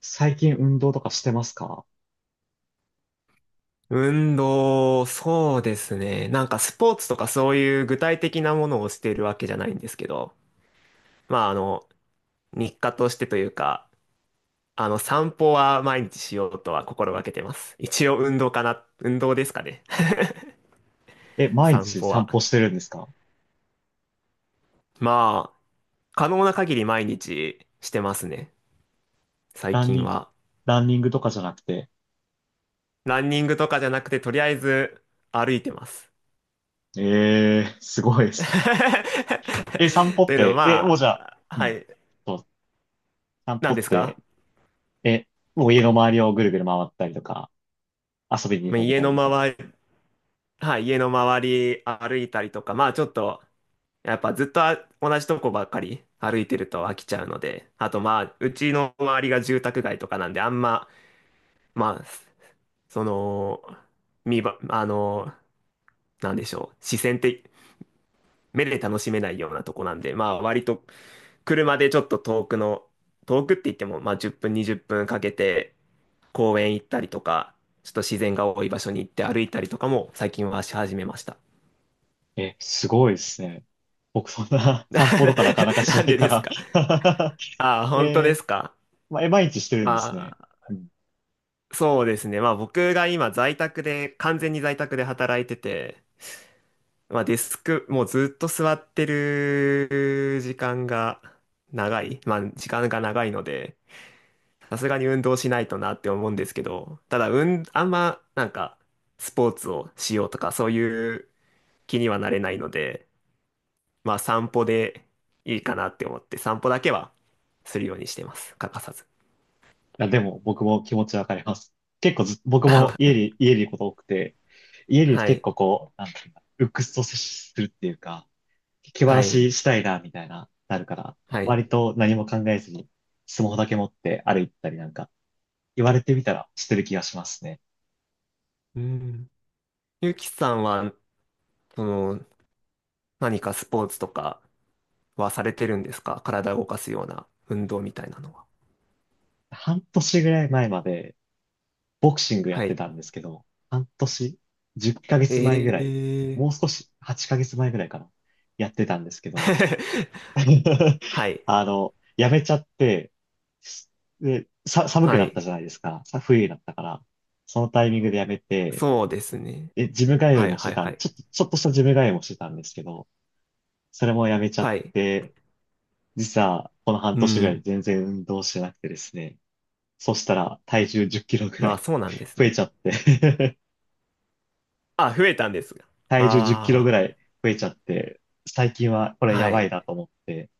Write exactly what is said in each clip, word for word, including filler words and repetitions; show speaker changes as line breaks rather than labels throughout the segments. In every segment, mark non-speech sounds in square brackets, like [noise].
最近運動とかしてますか？
運動、そうですね。なんかスポーツとかそういう具体的なものをしているわけじゃないんですけど、まああの、日課としてというか、あの、散歩は毎日しようとは心がけてます。一応運動かな、運動ですかね。
え、
[laughs]
毎
散
日
歩
散
は。
歩してるんですか？
まあ、可能な限り毎日してますね。最
ラン
近
ニング、
は。
ランニングとかじゃなくて。
ランニングとかじゃなくて、とりあえず歩いてます。
えー、すごいですね。え、散歩
[laughs] と
っ
いうの
て、え、
は、
もうじゃあ、
まあ、
う
は
ん、
い。
そう散歩
何で
っ
す
て、
か？
え、もう家の周りをぐるぐる回ったりとか、遊びに出
まあ
かけ
家
たり
の
みたいな。
周はい、家の周り歩いたりとか、まあちょっと、やっぱずっとあ同じとこばっかり歩いてると飽きちゃうので、あとまあ、うちの周りが住宅街とかなんで、あんま、まあ、その、見ば、あの、なんでしょう、視線って、目で楽しめないようなとこなんで、まあ割と車でちょっと遠くの、遠くって言っても、まあじゅっぷん、にじゅっぷんかけて公園行ったりとか、ちょっと自然が多い場所に行って歩いたりとかも最近はし始めました。
え、すごいですね。僕そんな [laughs]
[laughs]
散歩とかなかなかし
な
な
ん
い
で
か
ですか？
ら。
あ、
[laughs]
本当
え
で
ー、
すか？
まあえ、毎日して
ま
るんですね。
あ、そうですね。まあ僕が今在宅で、完全に在宅で働いてて、まあデスク、もうずっと座ってる時間が長い。まあ時間が長いので、さすがに運動しないとなって思うんですけど、ただ、うん、あんまなんかスポーツをしようとかそういう気にはなれないので、まあ散歩でいいかなって思って、散歩だけはするようにしてます。欠かさず。
や、でも僕も気持ちわかります。結構ず、僕も家
[laughs]
に、家にいること多くて、家にいると
は
結
い。
構こう、なんていうんだ、鬱屈と接するっていうか、気晴
は
ら
い。
ししたいな、みたいな、なるから、
はい。
割と何も考えずに、スマホだけ持って歩いたりなんか、言われてみたらしてる気がしますね。
うん。ゆきさんは、その、何かスポーツとかはされてるんですか？体を動かすような運動みたいなのは。
半年ぐらい前まで、ボクシングや
は
って
い。
たんですけど、半年、10ヶ
え
月前ぐらい、
え
もう少し、はちかげつまえぐらいかな、やってたんですけど、[laughs]
[laughs] はい。
あの、やめちゃって、すで、さ、寒く
は
なっ
い。
たじゃないですか。さ、冬になったから。そのタイミングでやめて、
そうですね。
で、ジム通い
はい、
もして
はい、
た
は
ん、
い。
ちょっと、ちょっとしたジム通いもしてたんですけど、それもやめちゃっ
はい。
て、実はこの半
う
年ぐらい
ん。
全然運動してなくてですね。そしたら体重じゅっキロぐら
まあ、
い
そうなんで
[laughs]
す
増え
ね。
ちゃって、
あ、増えたんですが。
体重じゅっキロぐ
あ
らい増えちゃって、最近はこれ
あ、
や
は
ば
い。
いなと思って、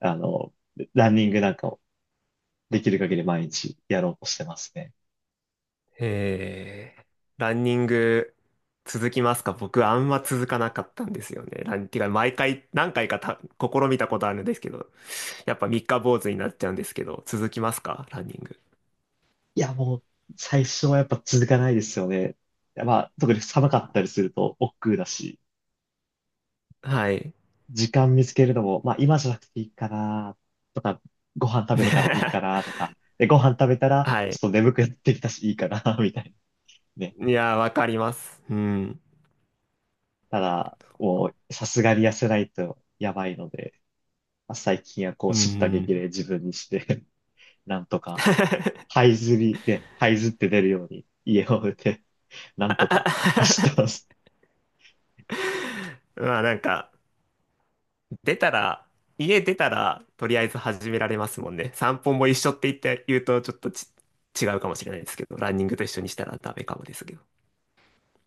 あの、ランニングなんかをできる限り毎日やろうとしてますね。
えーランニング続きますか？僕、あんま続かなかったんですよね。ラン、てか、毎回、何回かた試みたことあるんですけど、やっぱ三日坊主になっちゃうんですけど、続きますかランニング？
いや、もう、最初はやっぱ続かないですよね。まあ、特に寒かったりすると億劫だし、
はい。
時間見つけるのも、まあ、今じゃなくていいかな、とか、ご飯食べてからでいいか
[laughs]
な、とか、で、ご飯食べたら、
は
ちょっ
い。
と眠くなってきたし、いいかな、[laughs] みたいなね。
いやー、わかります。うん。
ただ、もう、さすがに痩せないとやばいので、まあ、最近はこう、
う
叱咤激励
ん。
自分にして [laughs] なんとか、這い
[laughs]
ずりで、這いずって出るように、家を出て、なんとか走ってます。
まあなんか、出たら、家出たら、とりあえず始められますもんね。散歩も一緒って言って言うと、ちょっとち違うかもしれないですけど、ランニングと一緒にしたらダメかもですけど。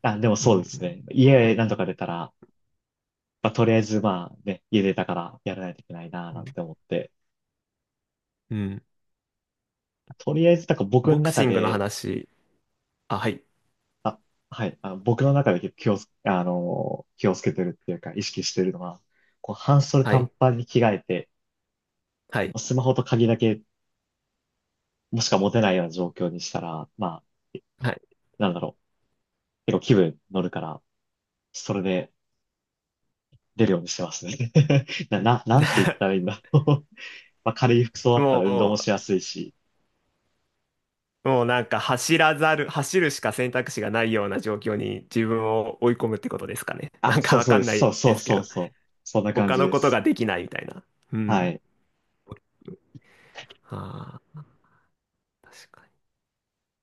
あ、でも
う
そうです
ん。
ね。家なんとか出たら、まあ、とりあえずまあね、家出たからやらないといけないな、
う
な
ん
んて思って。
うん。
とりあえず、なんか僕
ボ
の
ク
中
シングの
で、
話、あ、はい。
はい、あの僕の中で結構気をつ、あのー、気をつけてるっていうか、意識してるのは、こう、半袖
は
短
い。
パンに着替えて、
はい。
スマホと鍵だけ、もしか持てないような状況にしたら、まあ、
はい。
なんだろう、結構気分乗るから、それで出るようにしてますね。[laughs] な、な、なんて言ったらいいん
[laughs]
だろう。[laughs] まあ、軽い服装だったら運動
も
もし
う、
やすいし、
もうなんか走らざる、走るしか選択肢がないような状況に自分を追い込むってことですかね。[laughs]
あ、
なんか
そう
わ
そう
か
で
ん
す。
な
そ
い
うそ
で
う
すけ
そう
ど、
そう。そんな感
他
じ
の
で
こと
す。
ができないみたいな。う
は
ん。
い。
ああ、確かに。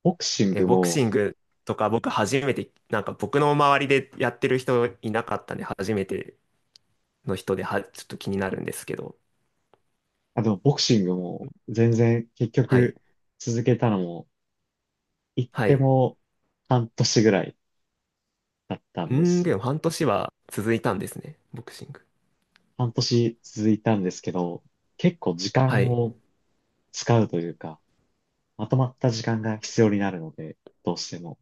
ボクシン
え、
グ
ボク
も、
シングとか僕初めて、なんか僕の周りでやってる人いなかったんで、初めての人では、ちょっと気になるんですけど。
あ、でもボクシングも全然結
はい。
局続けたのも、行っ
は
て
い。
も半年ぐらいだった
うー
んで
ん、
す。
でも半年は続いたんですね、ボクシング。
半年続いたんですけど、結構時
は
間
い。
を使うというか、まとまった時間が必要になるので、どうしても、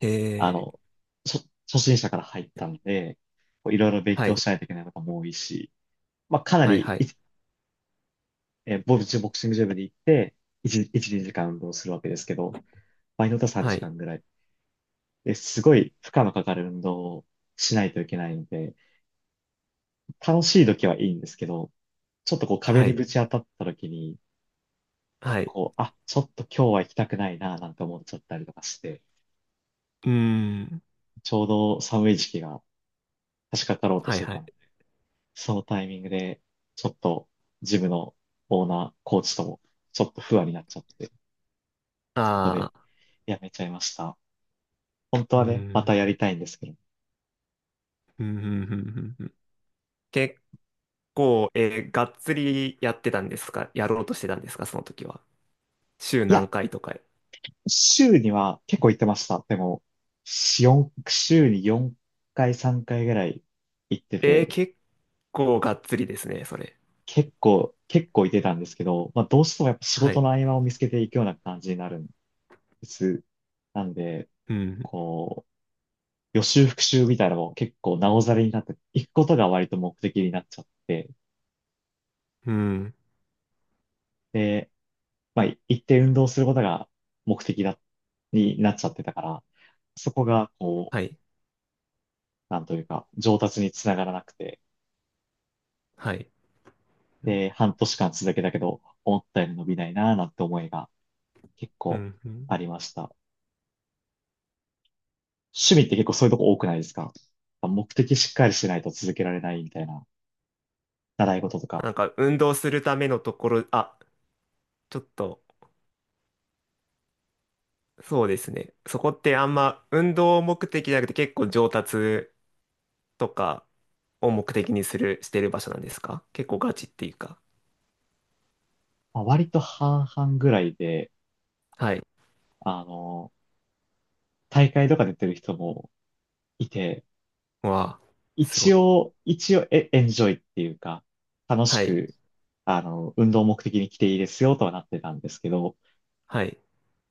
え
あ
ー、
の、初、初心者から入ったので、こういろいろ勉
は
強
い。
しないといけないことも多いし、まあかな
はい、
り
はい。
えーボルチボクシングジムに行って、いち、いち、にじかん運動するわけですけど、場合によっては
は
時
い。
間ぐらい。え、すごい負荷のかかる運動をしないといけないんで、楽しい時はいいんですけど、ちょっとこう壁
は
に
い。
ぶち当たった時に、
はい。
こう、あ、ちょっと今日は行きたくないな、なんて思っちゃったりとかして、
うーん。
ちょうど寒い時期が差し掛かろうと
は
し
い
て
は
た
い。
ので、そのタイミングで、ちょっとジムのオーナー、コーチとも、ちょっと不安になっちゃって、そこで
ああ。
やめちゃいました。本当
うー
はね、また
ん。
やりたいんですけど、
うん、うん、うん、うんうん。結構、えーがっつりやってたんですか？やろうとしてたんですかその時は？週
い
何
や、
回とか。
週には結構行ってました。でも、四週によんかい、さんかいぐらい行って
えー
て、
結構がっつりですね、それ。
結構、結構行ってたんですけど、まあどうしてもやっぱ仕
はい。
事の合間を見つけていくような感じになるんです。なんで、
うん。
こう、予習復習みたいなのも結構なおざりになって、行くことが割と目的になっちゃって、
うん。
で、まあ行って運動することが目的だ、になっちゃってたから、そこがこ
はい。
う、なんというか、上達につながらなくて、
はい。うん。
で、半年間続けたけど、思ったより伸びないなぁなんて思いが結
う
構
ん。うん。
ありました。趣味って結構そういうとこ多くないですか？目的しっかりしないと続けられないみたいな習い事とか。
なんか、運動するためのところ、あ、ちょっと、そうですね。そこってあんま、運動目的じゃなくて結構上達とかを目的にする、してる場所なんですか？結構ガチっていうか。
まあ、割と半々ぐらいで、
はい。
あの、大会とか出てる人もいて、
わあ、す
一
ごい。
応、一応エ、エンジョイっていうか、楽し
はい。
く、あの、運動目的に来ていいですよとはなってたんですけど、
はい。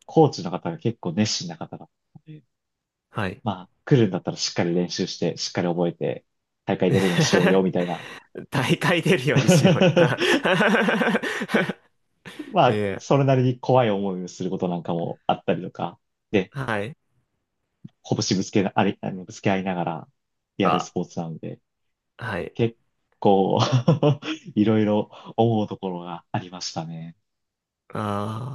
コーチの方が結構熱心な方だったので、
はい。
まあ、来るんだったらしっかり練習して、しっかり覚えて、大会出れるのしようよ、みたいな。
[laughs] 大会出るようにしようよ。[laughs]
[laughs] ま
い
あ、
え、
それなりに怖い思いをすることなんかもあったりとか、で、
はい。
拳ぶつけな、あれ、あの、ぶつけ合いながらやるス
あ、
ポーツなので、
はい。
結構 [laughs] いろいろ思うところがありましたね。
あ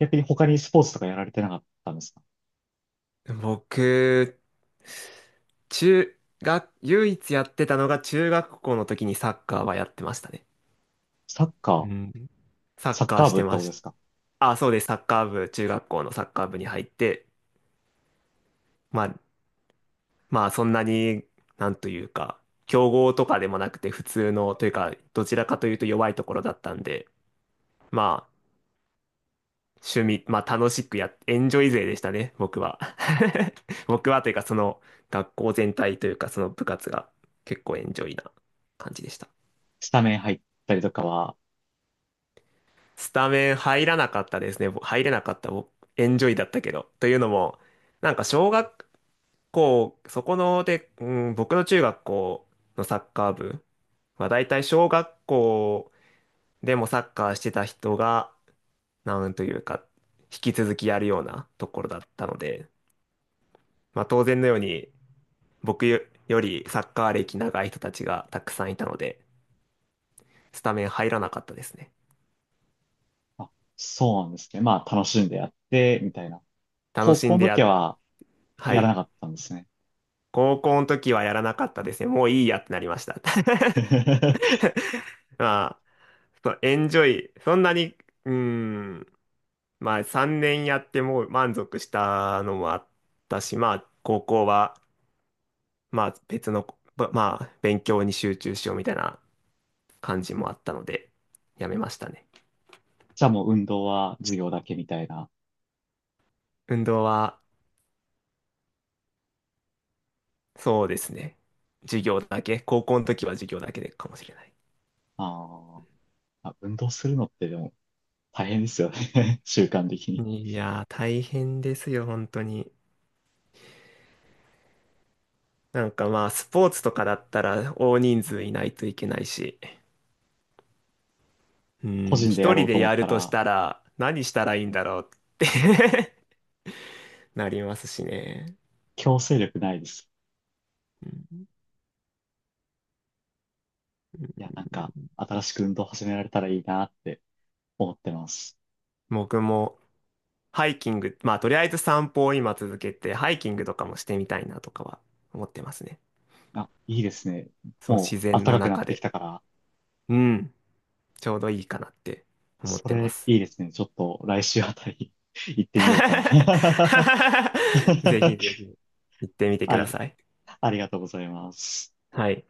逆に他にスポーツとかやられてなかったんですか？
ー、僕、中学、唯一やってたのが中学校の時にサッカーはやってましたね。
サッ
う
カー、
ん。サッ
サッ
カー
カー
し
部
て
って
ま
こと
し
で
た。
すか？
あ、そうです。サッカー部、中学校のサッカー部に入って、まあ、まあそんなに、なんというか、強豪とかでもなくて普通の、というか、どちらかというと弱いところだったんで、まあ、趣味、まあ楽しくやっ、エンジョイ勢でしたね、僕は。[laughs] 僕はというか、その学校全体というか、その部活が結構エンジョイな感じでした。
スタメン入ったりとかは、
スタメン入らなかったですね。ぼ入れなかった、僕エンジョイだったけど。というのも、なんか小学、構、そこので、うん、僕の中学校のサッカー部、まあ大体小学校でもサッカーしてた人が、なんというか、引き続きやるようなところだったので、まあ当然のように、僕よよりサッカー歴長い人たちがたくさんいたので、スタメン入らなかったですね。
あ、そうなんですね。まあ、楽しんでやって、みたいな。
楽
高
し
校
んで
の時
や、
は、
は
やら
い。
なかったんですね。
高校の時はやらなかったですね。もういいやってなりました。
[laughs]
[laughs] まあ、そうエンジョイ、そんなに、うーん、まあさんねんやってもう満足したのもあったし、まあ高校はまあ別の、ばまあ勉強に集中しようみたいな感じもあったので、やめましたね。
じゃあもう運動は授業だけみたいな。
運動はそうですね。授業だけ、高校の時は授業だけでかもしれない。
あー、あ、運動するのってでも大変ですよね。[laughs] 習慣的に。
いやー大変ですよ、本当に。なんかまあスポーツとかだったら大人数いないといけないし、う
個
ん、
人で
一
やろ
人
うと
で
思っ
や
た
るとし
ら
たら何したらいいんだろうって [laughs] なりますしね。
強制力ないです。いや、なんか新しく運動始められたらいいなって思ってます。
僕もハイキング、まあとりあえず散歩を今続けて、ハイキングとかもしてみたいなとかは思ってますね。
あ、いいですね。
そう、
も
自
う暖
然の
かくなっ
中
てき
で。
たから、
うん、ちょうどいいかなって思っ
そ
てま
れ
す。
いいですね。ちょっと来週あたり [laughs] 行ってみようかな。
[laughs] ぜひぜ
[laughs]
ひ行ってみてく
あ
だ
り、
さい。
ありがとうございます。
はい。